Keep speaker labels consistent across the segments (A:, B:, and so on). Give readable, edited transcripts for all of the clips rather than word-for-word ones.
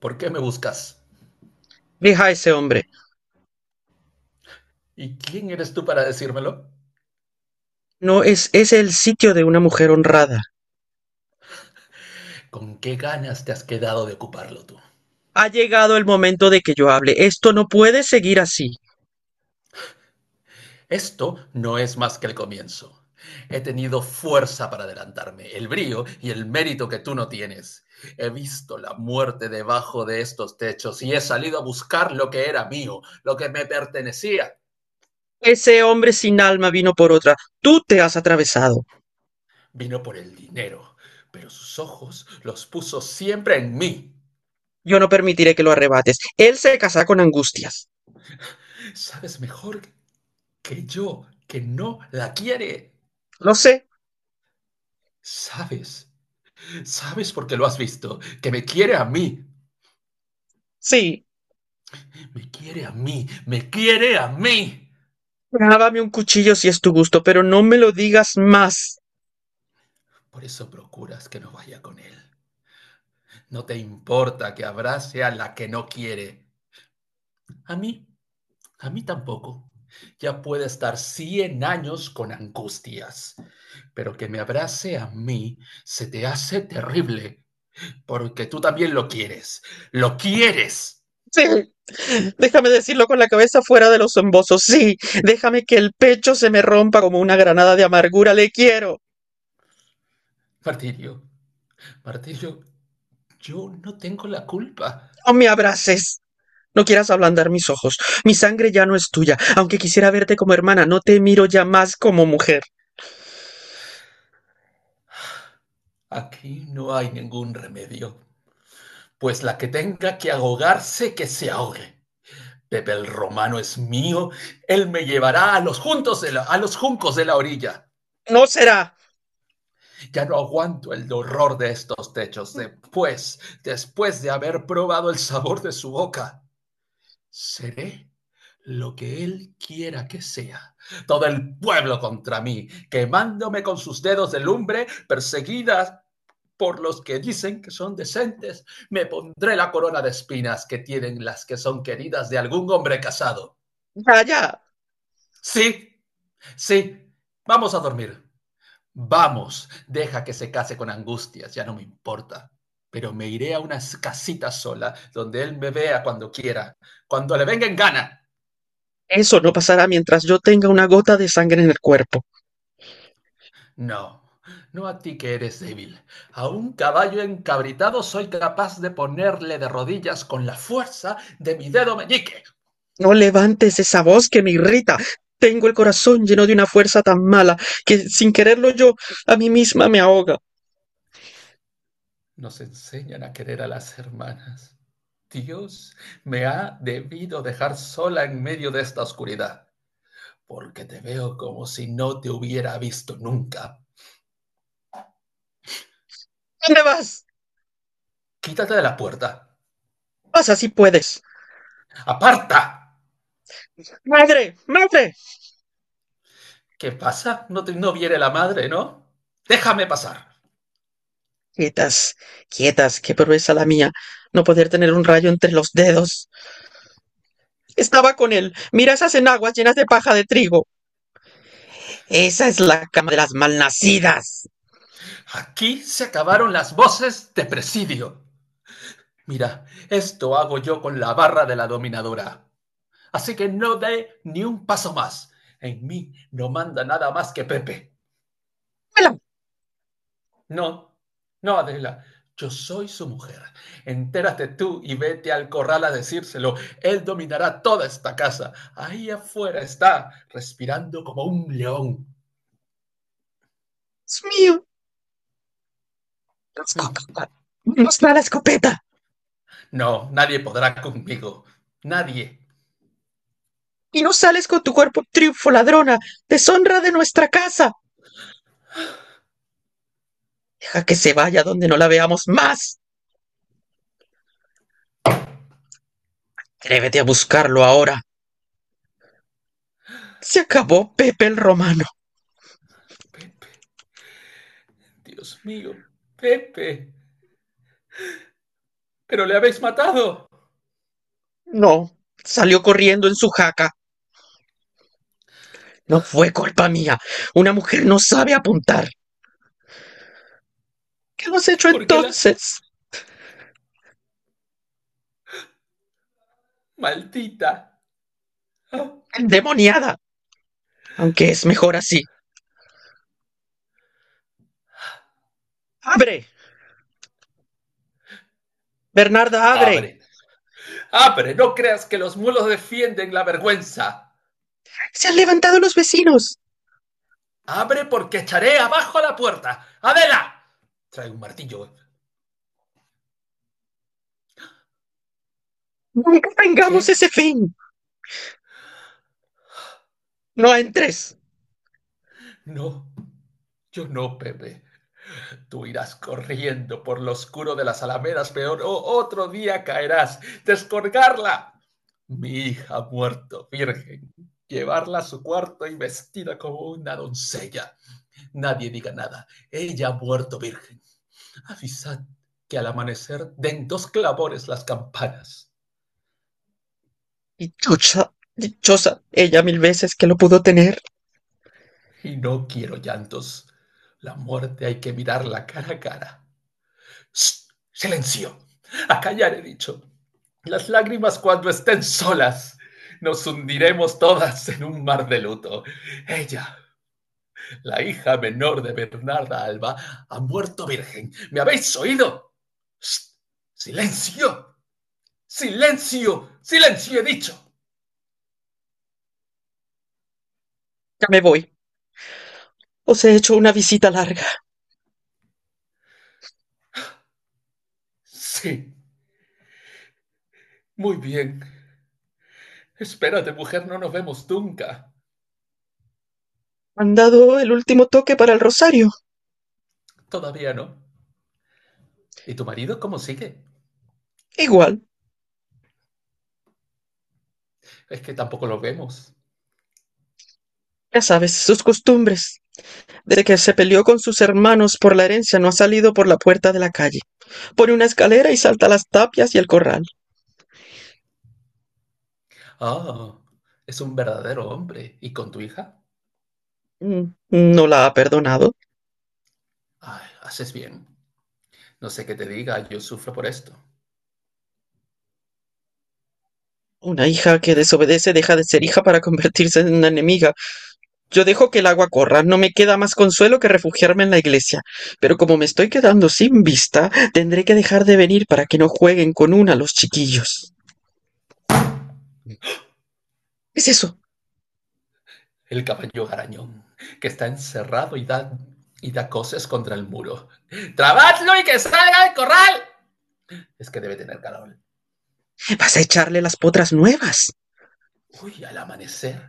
A: ¿Por qué me buscas?
B: Deja a ese hombre.
A: ¿Y quién eres tú para decírmelo?
B: No es, es el sitio de una mujer honrada.
A: ¿Con qué ganas te has quedado de ocuparlo tú?
B: Ha llegado el momento de que yo hable. Esto no puede seguir así.
A: Esto no es más que el comienzo. He tenido fuerza para adelantarme, el brío y el mérito que tú no tienes. He visto la muerte debajo de estos techos y he salido a buscar lo que era mío, lo que me pertenecía.
B: Ese hombre sin alma vino por otra. Tú te has atravesado.
A: Vino por el dinero, pero sus ojos los puso siempre en mí.
B: Yo no permitiré que lo arrebates. Él se casará con angustias.
A: Sabes mejor que yo que no la quiere.
B: Lo sé.
A: Sabes Sabes por qué lo has visto, que me quiere a mí,
B: Sí.
A: me quiere a mí, me quiere a mí.
B: Dábame un cuchillo si es tu gusto, pero no me lo digas más.
A: Por eso procuras que no vaya con él. No te importa que abrace a la que no quiere. A mí, a mí tampoco. Ya puede estar 100 años con angustias, pero que me abrace a mí se te hace terrible, porque tú también lo quieres. Lo quieres.
B: Sí. Déjame decirlo con la cabeza fuera de los embozos. Sí. Déjame que el pecho se me rompa como una granada de amargura. Le quiero.
A: Martirio, Martirio, yo no tengo la culpa.
B: No me abraces. No quieras ablandar mis ojos. Mi sangre ya no es tuya. Aunque quisiera verte como hermana, no te miro ya más como mujer.
A: Aquí no hay ningún remedio, pues la que tenga que ahogarse, que se ahogue. Pepe el Romano es mío, él me llevará a los juncos de la orilla.
B: No será.
A: Ya no aguanto el horror de estos techos, después de haber probado el sabor de su boca. Seré lo que él quiera que sea. Todo el pueblo contra mí, quemándome con sus dedos de lumbre, perseguida por los que dicen que son decentes, me pondré la corona de espinas que tienen las que son queridas de algún hombre casado.
B: Vaya.
A: Sí, sí, vamos a dormir. Vamos, deja que se case con angustias, ya no me importa. Pero me iré a una casita sola, donde él me vea cuando quiera, cuando le venga en gana.
B: Eso no pasará mientras yo tenga una gota de sangre en el cuerpo.
A: No, no a ti que eres débil. A un caballo encabritado soy capaz de ponerle de rodillas con la fuerza de mi dedo meñique.
B: No levantes esa voz que me irrita. Tengo el corazón lleno de una fuerza tan mala que, sin quererlo yo, a mí misma me ahoga.
A: Nos enseñan a querer a las hermanas. Dios me ha debido dejar sola en medio de esta oscuridad, porque te veo como si no te hubiera visto nunca.
B: ¿Dónde vas?
A: Quítate de la puerta.
B: Pasa si puedes.
A: ¡Aparta!
B: Madre, madre.
A: ¿Qué pasa? No, no viene la madre, ¿no? Déjame pasar.
B: Quietas, quietas, qué proeza la mía, no poder tener un rayo entre los dedos. Estaba con él. Mira esas enaguas llenas de paja de trigo. Esa es la cama de las malnacidas.
A: Aquí se acabaron las voces de presidio. Mira, esto hago yo con la barra de la dominadora. Así que no dé ni un paso más. En mí no manda nada más que Pepe.
B: ¡Mela!
A: No, no, Adela, yo soy su mujer. Entérate tú y vete al corral a decírselo. Él dominará toda esta casa. Ahí afuera está, respirando como un león.
B: ¡Dios mío! La
A: Mm.
B: escopeta. Nos da la escopeta.
A: No, nadie podrá conmigo. Nadie.
B: Y no sales con tu cuerpo triunfo, ladrona. Deshonra de nuestra casa. Deja que se vaya donde no la veamos más. Atrévete a buscarlo ahora. Se acabó Pepe el Romano.
A: Pepe, Dios mío, Pepe. Pero le habéis matado.
B: No. Salió corriendo en su jaca. No fue culpa mía. Una mujer no sabe apuntar. ¿Qué hemos hecho
A: ¿Por qué la
B: entonces?
A: maldita? Ah.
B: Endemoniada. Aunque es mejor así. ¡Abre! Bernarda, abre.
A: Abre, abre. No creas que los mulos defienden la vergüenza.
B: Se han levantado los vecinos.
A: Abre porque echaré abajo la puerta. ¡Adela! Trae un martillo.
B: Nunca tengamos
A: ¿Qué?
B: ese fin. No entres.
A: No. Yo no, Pepe. Tú irás corriendo por lo oscuro de las alamedas, peor o otro día caerás. Descolgarla. Mi hija ha muerto, virgen. Llevarla a su cuarto y vestida como una doncella. Nadie diga nada. Ella ha muerto, virgen. Avisad que al amanecer den dos clavores las campanas.
B: Dichosa, dichosa ella 1000 veces que lo pudo tener.
A: Y no quiero llantos. La muerte hay que mirarla cara a cara. ¡Shh! ¡Silencio! A callar he dicho. Las lágrimas cuando estén solas. Nos hundiremos todas en un mar de luto. Ella, la hija menor de Bernarda Alba, ha muerto virgen. ¿Me habéis oído? ¡Shh! ¡Silencio! ¡Silencio! ¡Silencio! He dicho.
B: Ya me voy. Os he hecho una visita larga.
A: Sí, muy bien. Espérate, mujer, no nos vemos nunca.
B: Han dado el último toque para el rosario.
A: Todavía no. ¿Y tu marido cómo sigue?
B: Igual,
A: Es que tampoco lo vemos.
B: ya sabes, sus costumbres. Desde que se peleó con sus hermanos por la herencia no ha salido por la puerta de la calle. Pone una escalera y salta las tapias y el corral.
A: Ah, es un verdadero hombre. ¿Y con tu hija?
B: Mm, ¿no la ha perdonado?
A: Ay, haces bien. No sé qué te diga, yo sufro por esto.
B: Una hija que desobedece deja de ser hija para convertirse en una enemiga. Yo dejo que el agua corra. No me queda más consuelo que refugiarme en la iglesia. Pero como me estoy quedando sin vista, tendré que dejar de venir para que no jueguen con una los chiquillos. ¿Qué es eso?
A: El caballo garañón, que está encerrado y da cosas contra el muro. ¡Trabadlo y que salga del corral! Es que debe tener calor.
B: Vas a echarle las potras nuevas.
A: Uy, al amanecer.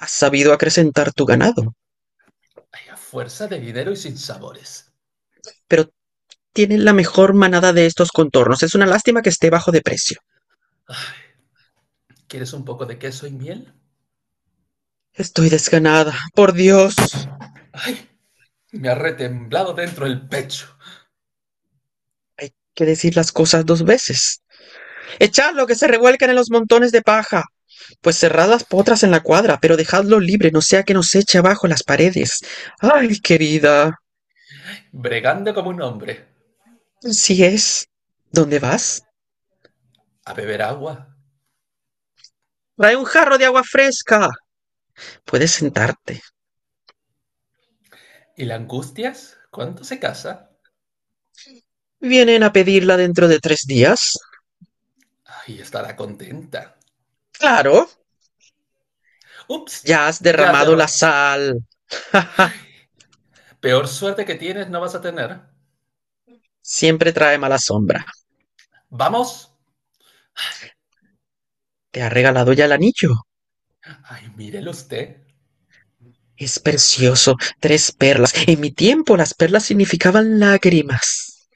B: Has sabido acrecentar tu ganado,
A: Hay a fuerza de dinero y sin sabores.
B: pero tienen la mejor manada de estos contornos. Es una lástima que esté bajo de precio.
A: Ah, ¿quieres un poco de queso y miel?
B: Estoy desganada, por Dios.
A: ¡Ay! Me ha retemblado dentro el pecho,
B: Hay que decir las cosas 2 veces. Echadlo, que se revuelcan en los montones de paja. Pues cerrad las potras en la cuadra, pero dejadlo libre, no sea que nos eche abajo las paredes. Ay, querida,
A: bregando como un hombre.
B: así es. ¿Dónde vas?
A: A beber agua.
B: Trae un jarro de agua fresca. Puedes sentarte.
A: ¿Y la angustias? ¿Cuándo se casa?
B: Vienen a pedirla dentro de 3 días.
A: Ay, estará contenta.
B: Claro.
A: Ups,
B: Ya has
A: ya
B: derramado la
A: cerré.
B: sal. Ja, ja.
A: Peor suerte que tienes no vas a tener.
B: Siempre trae mala sombra.
A: ¡Vamos!
B: ¿Te ha regalado ya el anillo?
A: Ay, mírelo usted.
B: Es precioso. 3 perlas. En mi tiempo las perlas significaban lágrimas.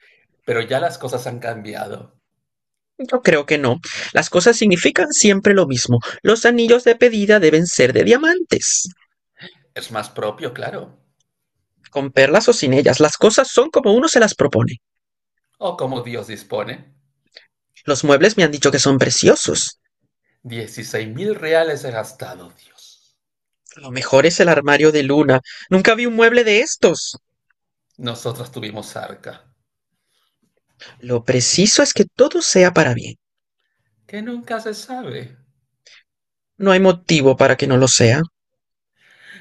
A: Pero ya las cosas han cambiado.
B: Yo creo que no. Las cosas significan siempre lo mismo. Los anillos de pedida deben ser de diamantes.
A: Es más propio, claro.
B: Con perlas o sin ellas, las cosas son como uno se las propone.
A: O como Dios dispone.
B: Los muebles me han dicho que son preciosos.
A: 16.000 reales he gastado, Dios.
B: Lo mejor es el armario de luna. Nunca vi un mueble de estos.
A: Nosotros tuvimos arca.
B: Lo preciso es que todo sea para bien.
A: Que nunca se sabe.
B: No hay motivo para que no lo sea.